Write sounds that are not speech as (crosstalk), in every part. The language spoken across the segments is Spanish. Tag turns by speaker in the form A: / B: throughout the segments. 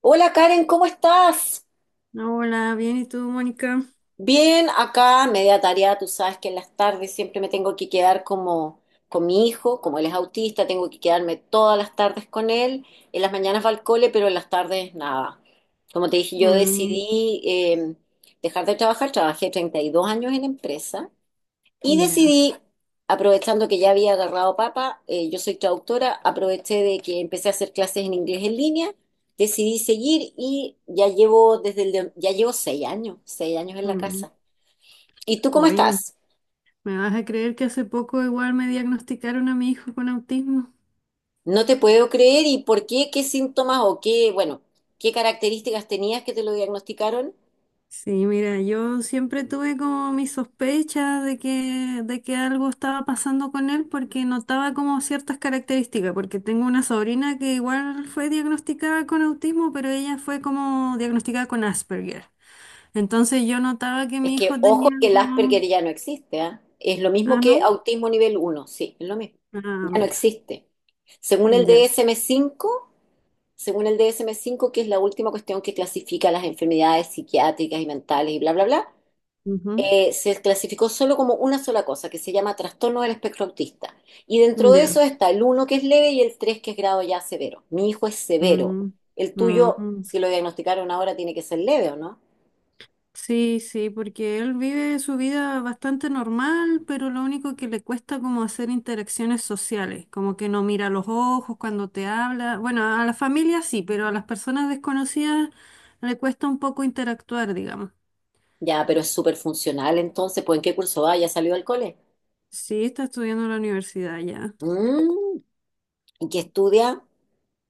A: Hola Karen, ¿cómo estás?
B: Hola, bien, ¿y tú, Mónica?
A: Bien, acá media tarea, tú sabes que en las tardes siempre me tengo que quedar como con mi hijo, como él es autista, tengo que quedarme todas las tardes con él, en las mañanas va al cole, pero en las tardes nada. Como te dije, yo
B: Mm,
A: decidí dejar de trabajar, trabajé 32 años en empresa y
B: ya.
A: decidí, aprovechando que ya había agarrado papa, yo soy traductora, aproveché de que empecé a hacer clases en inglés en línea, decidí seguir y ya llevo ya llevo 6 años, 6 años en la
B: Mm.
A: casa. ¿Y tú cómo
B: Oye,
A: estás?
B: ¿me vas a creer que hace poco igual me diagnosticaron a mi hijo con autismo?
A: No te puedo creer y por qué, qué síntomas o qué, bueno, qué características tenías que te lo diagnosticaron.
B: Sí, mira, yo siempre tuve como mis sospechas de que algo estaba pasando con él porque notaba como ciertas características, porque tengo una sobrina que igual fue diagnosticada con autismo, pero ella fue como diagnosticada con Asperger. Entonces yo notaba que
A: Es
B: mi
A: que,
B: hijo
A: ojo,
B: tenía
A: que el Asperger
B: como.
A: ya no existe, ¿ah? Es lo mismo
B: Ah,
A: que
B: ¿no?
A: autismo nivel uno, sí, es lo mismo,
B: Ah,
A: ya no
B: mira,
A: existe. Según el dsm cinco Según el DSM-5, que es la última cuestión que clasifica las enfermedades psiquiátricas y mentales y bla, bla, bla,
B: ya.
A: se clasificó solo como una sola cosa, que se llama trastorno del espectro autista. Y dentro de
B: Ya.
A: eso está el uno, que es leve, y el tres, que es grado ya severo. Mi hijo es severo.
B: Mm,
A: El tuyo,
B: mm.
A: si lo diagnosticaron ahora, tiene que ser leve, ¿o no?
B: Sí, sí, porque él vive su vida bastante normal, pero lo único que le cuesta como hacer interacciones sociales, como que no mira a los ojos cuando te habla. Bueno, a la familia sí, pero a las personas desconocidas le cuesta un poco interactuar, digamos.
A: Ya, pero es súper funcional entonces, pues ¿en qué curso va? ¿Ya salió del cole?
B: Sí, está estudiando en la universidad ya,
A: Mm, ¿y qué estudia?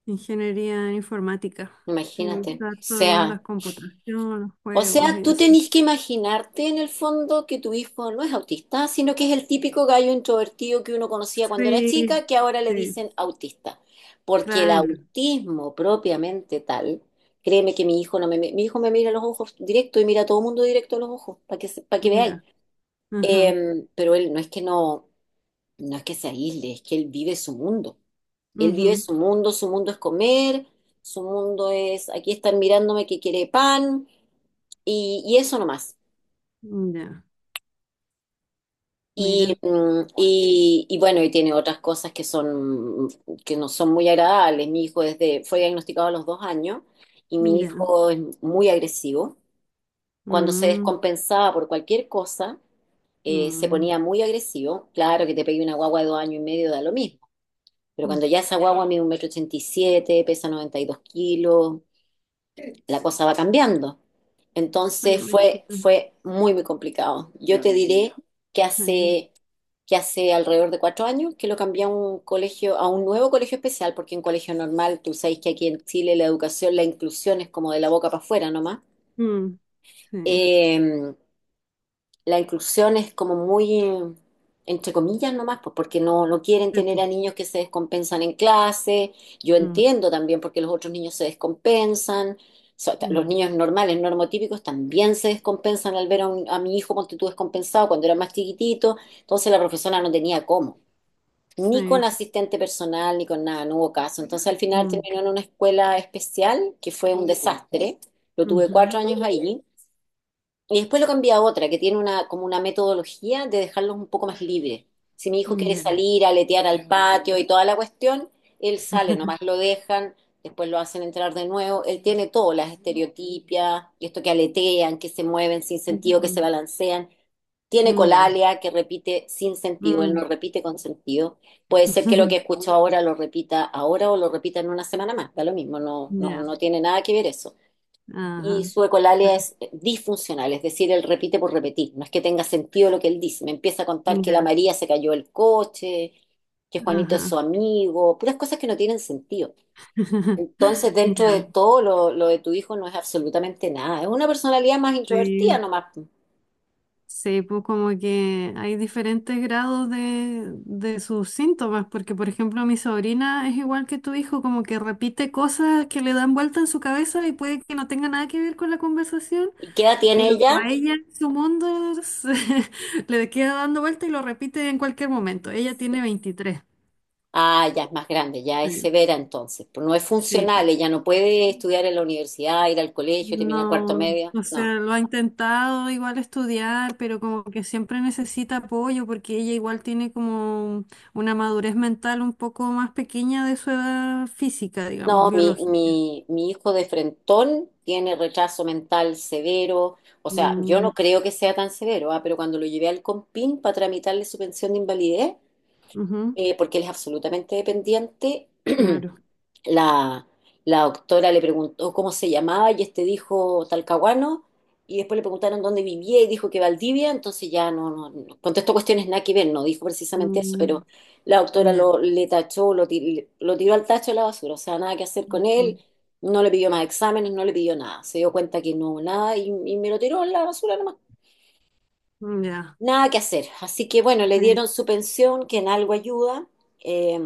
B: ingeniería en informática. Me
A: Imagínate. O
B: gusta todas las
A: sea.
B: computaciones, los
A: O
B: juegos y
A: sea, tú
B: eso.
A: tenés que imaginarte en el fondo que tu hijo no es autista, sino que es el típico gallo introvertido que uno conocía cuando era
B: Sí,
A: chica, que ahora le
B: sí,
A: dicen autista. Porque el
B: claro,
A: autismo propiamente tal, créeme que mi hijo no me, mi hijo me mira a los ojos directo y mira a todo el mundo directo a los ojos, pa' que veáis.
B: ya, ajá.
A: Pero él no es que se aísle, es que él vive su mundo. Él vive
B: Ujú,
A: su mundo es comer, su mundo es, aquí están mirándome que quiere pan y eso nomás.
B: ya,
A: Y,
B: mira,
A: mm, y, y bueno, y tiene otras cosas que no son muy agradables. Mi hijo desde fue diagnosticado a los 2 años y mi
B: ya.
A: hijo es muy agresivo. Cuando se
B: Mm,
A: descompensaba por cualquier cosa, se
B: mm,
A: ponía muy agresivo. Claro que te pegue una guagua de 2 años y medio da lo mismo, pero
B: mm.
A: cuando ya esa guagua mide 1,87 m, pesa 92 kilos, la cosa va cambiando.
B: Me
A: Entonces fue,
B: imagino.
A: fue muy, muy complicado. Yo te diré que
B: Sí.
A: hace, que hace alrededor de 4 años que lo cambié a un nuevo colegio especial, porque en colegio normal, tú sabes que aquí en Chile la inclusión es como de la boca para afuera nomás.
B: Mm, sí.
A: Eh, la inclusión es como muy, entre comillas nomás, pues porque no quieren
B: Sí, po.
A: tener a niños que se descompensan en clase. Yo
B: Mm,
A: entiendo también porque los otros niños se descompensan. Los
B: mm,
A: niños normales, normotípicos, también se descompensan al ver a mi hijo, ponte tú, descompensado cuando era más chiquitito. Entonces la profesora no tenía cómo, ni con
B: sí.
A: asistente personal, ni con nada, no hubo caso. Entonces al final
B: Mm,
A: terminó en una escuela especial, que fue un desastre. Lo tuve
B: ujú,
A: 4 años ahí. Y después lo cambié a otra, que tiene como una metodología de dejarlos un poco más libres. Si mi hijo quiere
B: ya.
A: salir a aletear al patio y toda la cuestión, él sale, nomás lo dejan, después lo hacen entrar de nuevo. Él tiene todo, las estereotipias, y esto que aletean, que se mueven sin sentido, que se
B: Ujú,
A: balancean. Tiene
B: ya.
A: colalia, que repite sin sentido, él no
B: Mm,
A: repite con sentido. Puede ser que lo que
B: (laughs)
A: escucho ahora lo repita ahora o lo repita en una semana más, da lo mismo, no, no,
B: ya.
A: no tiene nada que ver eso. Y
B: Ajá.
A: su ecolalia es disfuncional, es decir, él repite por repetir, no es que tenga sentido lo que él dice, me empieza a
B: Sí,
A: contar que la
B: ya.
A: María se cayó el coche, que Juanito es su
B: Ajá.
A: amigo, puras cosas que no tienen sentido.
B: (laughs)
A: Entonces, dentro de
B: Ya.
A: todo, lo de tu hijo no es absolutamente nada, es una personalidad más introvertida
B: Sí.
A: nomás.
B: Sí, pues como que hay diferentes grados de sus síntomas, porque por ejemplo mi sobrina es igual que tu hijo, como que repite cosas que le dan vuelta en su cabeza y puede que no tenga nada que ver con la conversación,
A: ¿Y qué edad tiene
B: pero a
A: ella?
B: ella su mundo (laughs) le queda dando vuelta y lo repite en cualquier momento. Ella tiene 23.
A: Ah, ya es más grande, ya es
B: Sí.
A: severa entonces, pues no es
B: Sí,
A: funcional, ella no puede estudiar en la universidad, ir al colegio, terminar cuarto
B: no,
A: media,
B: o
A: no.
B: sea, lo ha intentado igual estudiar, pero como que siempre necesita apoyo porque ella igual tiene como una madurez mental un poco más pequeña de su edad física, digamos,
A: No, mi,
B: biológica.
A: mi, mi hijo de frentón tiene retraso mental severo. O sea, yo
B: Mm,
A: no creo que sea tan severo, ah, pero cuando lo llevé al Compin para tramitarle su pensión de invalidez,
B: ujú,
A: porque él es absolutamente dependiente, (clears throat)
B: claro.
A: La, la doctora le preguntó cómo se llamaba y este dijo Talcahuano y después le preguntaron dónde vivía y dijo que Valdivia, entonces ya no contestó cuestiones nada que ver, no dijo precisamente eso,
B: Mm,
A: pero la doctora
B: ya.
A: le tachó, lo tiró al tacho de la basura, o sea, nada que hacer con él, no le pidió más exámenes, no le pidió nada, se dio cuenta que no, nada y me lo tiró en la basura nomás,
B: Ujú, ya.
A: nada que hacer. Así que bueno, le
B: Sí,
A: dieron su pensión, que en algo ayuda. eh,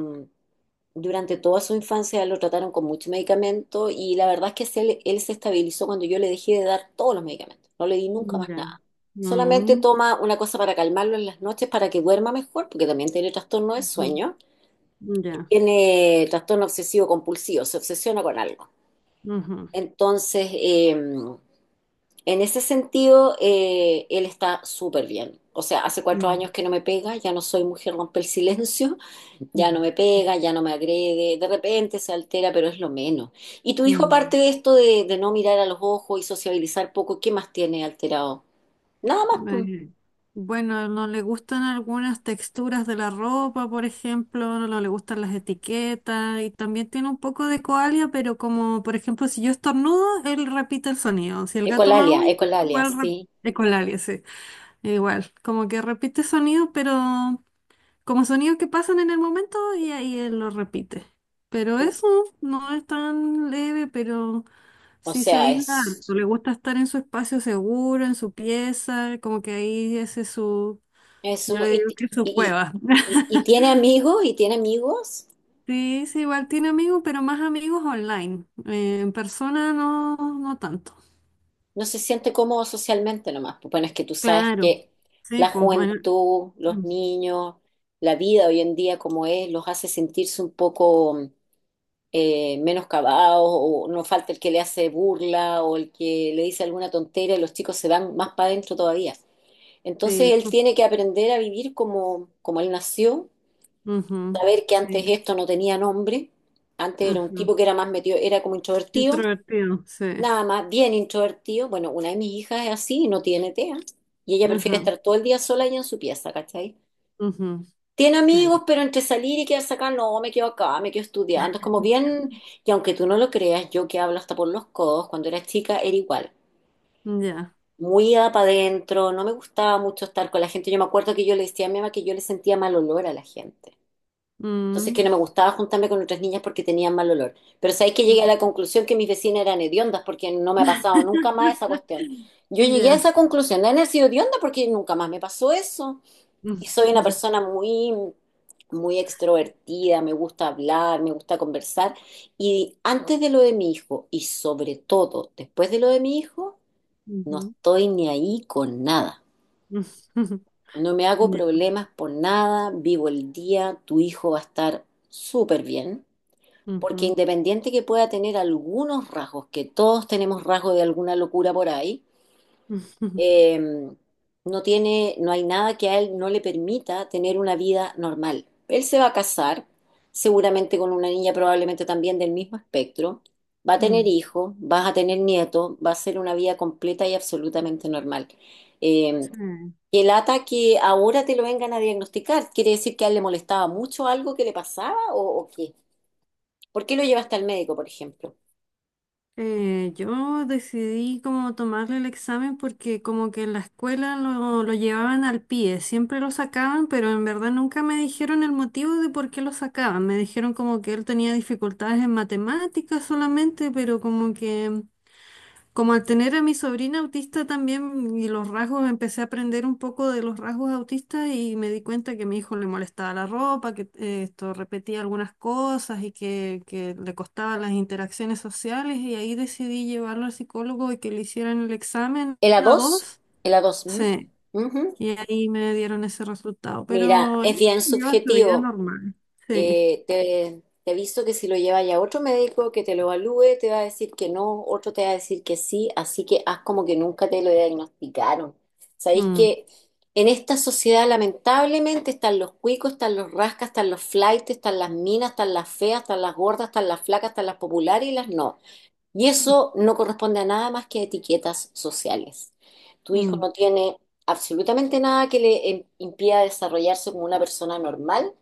A: durante toda su infancia lo trataron con mucho medicamento y la verdad es que se estabilizó cuando yo le dejé de dar todos los medicamentos. No le di nunca más
B: ya.
A: nada. Solamente
B: Mm,
A: toma una cosa para calmarlo en las noches para que duerma mejor, porque también tiene trastorno de
B: ujú,
A: sueño.
B: ya.
A: Tiene trastorno obsesivo compulsivo, se obsesiona con algo.
B: Ujú,
A: Entonces, en ese sentido, él está súper bien. O sea, hace cuatro
B: mm,
A: años que no me pega, ya no soy mujer rompe el silencio.
B: mm,
A: Ya no me pega, ya no me agrede, de repente se altera, pero es lo menos. ¿Y tu hijo, aparte
B: mm.
A: de esto de no mirar a los ojos y sociabilizar poco, qué más tiene alterado? Nada más.
B: Eh, Bueno, no le gustan algunas texturas de la ropa, por ejemplo, no le gustan las etiquetas y también tiene un poco de coalia, pero como por ejemplo si yo estornudo, él repite el sonido. Si el gato
A: Ecolalia,
B: maulla,
A: ecolalia,
B: igual re-
A: sí.
B: de coalia, sí, igual, como que repite sonido, pero como sonidos que pasan en el momento y ahí él lo repite. Pero eso no es tan leve, pero
A: O
B: sí, se
A: sea,
B: aísla harto,
A: es,
B: le gusta estar en su espacio seguro, en su pieza, como que ahí ese es su,
A: es
B: yo
A: muy
B: le digo que es su
A: y-
B: cueva.
A: y
B: (laughs)
A: tiene amigos y tiene amigos.
B: Sí, sí, igual tiene amigos, pero más amigos online. En persona no, no tanto.
A: No se siente cómodo socialmente nomás. Pues bueno, es que tú sabes
B: Claro.
A: que
B: Sí,
A: la
B: pues, bueno,
A: juventud, los
B: mm,
A: niños, la vida hoy en día como es, los hace sentirse un poco menoscabados o no falta el que le hace burla o el que le dice alguna tontera y los chicos se van más para adentro todavía. Entonces
B: sí,
A: él
B: pues,
A: tiene que aprender a vivir como él nació,
B: ujú,
A: saber que antes
B: sí,
A: esto no tenía nombre, antes era un
B: ajá.
A: tipo que era más metido, era como introvertido,
B: Introvertido, sí,
A: nada más, bien introvertido. Bueno, una de mis hijas es así, no tiene TEA y ella prefiere
B: ajá,
A: estar todo el día sola y en su pieza, ¿cachai?
B: ujú,
A: Tiene
B: sí.
A: amigos, pero entre salir y quedarse acá, no, me quedo acá, me quedo estudiando. Es como bien, y aunque tú no lo creas, yo que hablo hasta por los codos, cuando era chica era igual.
B: Ya.
A: Muy para adentro, no me gustaba mucho estar con la gente. Yo me acuerdo que yo le decía a mi mamá que yo le sentía mal olor a la gente. Entonces que
B: Mm,
A: no me gustaba juntarme con otras niñas porque tenían mal olor. Pero sabéis que llegué a
B: mm,
A: la conclusión que mis vecinas eran hediondas porque no me ha pasado
B: (laughs)
A: nunca más esa cuestión. Yo llegué a
B: ya.
A: esa conclusión, de haber sido hedionda porque nunca más me pasó eso. Y soy
B: (laughs)
A: una
B: Ujú,
A: persona muy, muy extrovertida, me gusta hablar, me gusta conversar. Y antes de lo de mi hijo, y sobre todo después de lo de mi hijo, no estoy ni ahí con nada.
B: ujú, (laughs)
A: No me hago
B: ya.
A: problemas por nada, vivo el día, tu hijo va a estar súper bien, porque
B: Ujú.
A: independiente que pueda tener algunos rasgos, que todos tenemos rasgos de alguna locura por ahí,
B: (laughs)
A: eh, no tiene, no hay nada que a él no le permita tener una vida normal. Él se va a casar, seguramente con una niña probablemente también del mismo espectro, va a tener
B: Mm.
A: hijos, vas a tener nietos, va a ser una vida completa y absolutamente normal. Eh,
B: Sí.
A: que lata que ahora te lo vengan a diagnosticar, ¿quiere decir que a él le molestaba mucho algo que le pasaba o qué? ¿Por qué lo llevaste al médico, por ejemplo?
B: Yo decidí como tomarle el examen porque como que en la escuela lo llevaban al pie, siempre lo sacaban, pero en verdad nunca me dijeron el motivo de por qué lo sacaban. Me dijeron como que él tenía dificultades en matemáticas solamente, pero como que. Como al tener a mi sobrina autista también y los rasgos, empecé a aprender un poco de los rasgos autistas y me di cuenta que a mi hijo le molestaba la ropa, que esto repetía algunas cosas y que le costaban las interacciones sociales y ahí decidí llevarlo al psicólogo y que le hicieran el examen
A: ¿El A
B: a
A: dos,
B: dos.
A: ¿El A dos? ¿Mm?
B: Sí,
A: Ujú.
B: y ahí me dieron ese resultado,
A: Mira,
B: pero
A: es
B: él
A: bien
B: lleva su vida
A: subjetivo.
B: normal. Sí.
A: Te aviso que si lo llevas ya a otro médico que te lo evalúe, te va a decir que no, otro te va a decir que sí, así que haz como que nunca te lo diagnosticaron. Sabéis
B: Mm,
A: que en esta sociedad lamentablemente están los cuicos, están los rascas, están los flaites, están las minas, están las feas, están las gordas, están las flacas, están las populares y las no. Y eso no corresponde a nada más que a etiquetas sociales. Tu hijo
B: mm,
A: no tiene absolutamente nada que impida desarrollarse como una persona normal.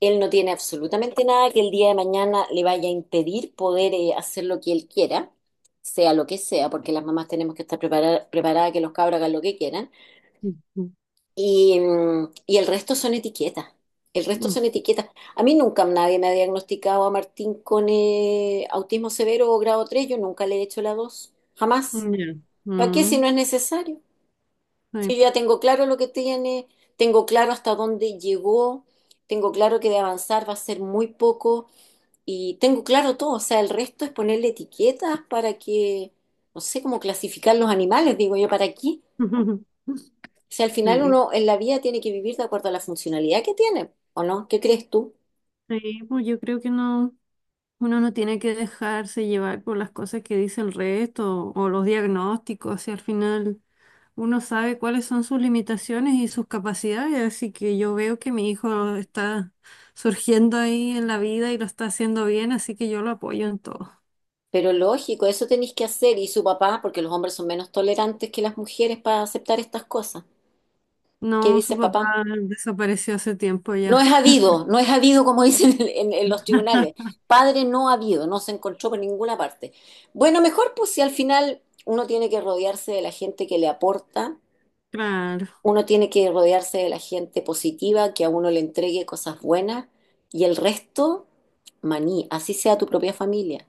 A: Él no tiene absolutamente nada que el día de mañana le vaya a impedir poder hacer lo que él quiera, sea lo que sea, porque las mamás tenemos que estar preparadas a que los cabros hagan lo que quieran.
B: mm, mm,
A: Y el resto son etiquetas. El resto
B: mm,
A: son etiquetas. A mí nunca nadie me ha diagnosticado a Martín con autismo severo o grado 3. Yo nunca le he hecho la 2. Jamás.
B: mm, ya.
A: ¿Para qué si
B: Mm,
A: no es necesario?
B: sí,
A: Si yo
B: po.
A: ya tengo claro lo que tiene, tengo claro hasta dónde llegó, tengo claro que de avanzar va a ser muy poco y tengo claro todo. O sea, el resto es ponerle etiquetas para que, no sé, cómo clasificar los animales, digo yo, ¿para aquí?
B: (laughs)
A: O sea, al final
B: Sí.
A: uno en la vida tiene que vivir de acuerdo a la funcionalidad que tiene, ¿o no? ¿Qué crees tú?
B: Sí, pues yo creo que no, uno no tiene que dejarse llevar por las cosas que dice el resto o los diagnósticos, si al final uno sabe cuáles son sus limitaciones y sus capacidades, así que yo veo que mi hijo está surgiendo ahí en la vida y lo está haciendo bien, así que yo lo apoyo en todo.
A: Pero lógico, eso tenéis que hacer y su papá, porque los hombres son menos tolerantes que las mujeres para aceptar estas cosas. ¿Qué
B: No,
A: dice
B: su papá
A: papá?
B: desapareció hace tiempo ya.
A: No es habido, no es habido, como (laughs) dicen en los tribunales.
B: (laughs)
A: Padre no ha habido, no se encontró por ninguna parte. Bueno, mejor, pues si al final uno tiene que rodearse de la gente que le aporta.
B: Claro.
A: Uno tiene que rodearse de la gente positiva, que a uno le entregue cosas buenas, y el resto, maní, así sea tu propia familia.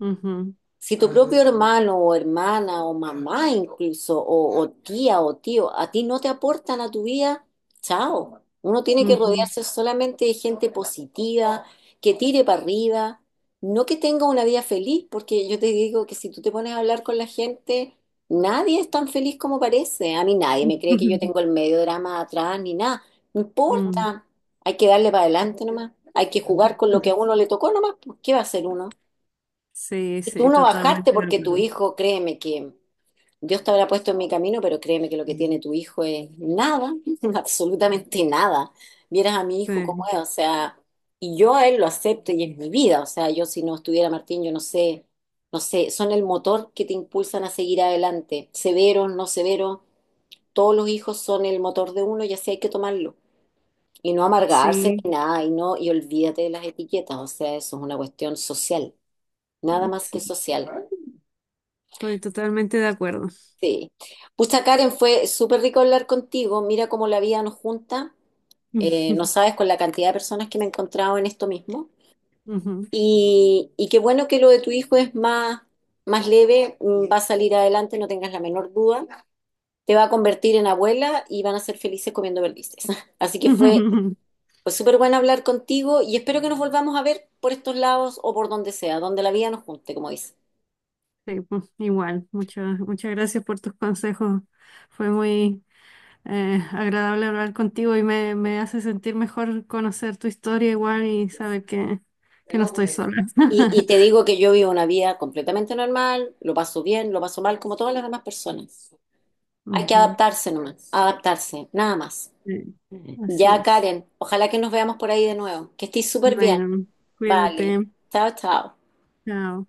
B: Ujú,
A: Si tu propio hermano o hermana o mamá incluso, o tía o tío, a ti no te aportan a tu vida, chao. Uno tiene que
B: ujú.
A: rodearse solamente de gente positiva, que tire para arriba, no que tenga una vida feliz, porque yo te digo que si tú te pones a hablar con la gente, nadie es tan feliz como parece. A mí nadie me cree que yo
B: (laughs)
A: tengo el medio drama atrás ni nada. No
B: Mm.
A: importa, hay que darle para adelante nomás, hay que jugar con lo que a uno
B: (laughs)
A: le tocó nomás, pues, ¿qué va a hacer uno?
B: Sí,
A: Y tú
B: sí,
A: no bajaste
B: totalmente de
A: porque tu
B: acuerdo.
A: hijo, créeme que Dios te habrá puesto en mi camino, pero créeme que lo que tiene tu hijo es nada, (laughs) absolutamente nada. Vieras a mi hijo como
B: Sí,
A: es, o sea, y yo a él lo acepto y es mi vida. O sea, yo, si no estuviera Martín, yo no sé, no sé, son el motor que te impulsan a seguir adelante, severos, no severos, todos los hijos son el motor de uno y así hay que tomarlo. Y no amargarse
B: sí.
A: ni nada, y no, y olvídate de las etiquetas, o sea, eso es una cuestión social, nada más que
B: Sí,
A: social.
B: estoy totalmente de acuerdo.
A: Sí. Pucha, Karen, fue súper rico hablar contigo. Mira cómo la vida nos junta. No
B: (laughs)
A: sabes con la cantidad de personas que me he encontrado en esto mismo.
B: Ujú.
A: Y qué bueno que lo de tu hijo es más, más leve, va a salir adelante, no tengas la menor duda. Te va a convertir en abuela y van a ser felices comiendo perdices. (laughs) Así que fue,
B: (laughs)
A: fue súper bueno hablar contigo y espero que nos volvamos a ver por estos lados o por donde sea, donde la vida nos junte, como dice.
B: Sí, pues, igual, muchas, muchas gracias por tus consejos. Fue muy agradable hablar contigo y me hace sentir mejor conocer tu historia igual y saber que, no estoy sola.
A: Y
B: (laughs)
A: te digo que yo vivo una vida completamente normal, lo paso bien, lo paso mal, como todas las demás personas. Hay que
B: Ujú.
A: adaptarse nomás, adaptarse, nada más.
B: Sí, así
A: Ya,
B: es.
A: Karen, ojalá que nos veamos por ahí de nuevo. Que estés súper bien.
B: Bueno, cuídate.
A: Vale. Chao, chao.
B: Chao.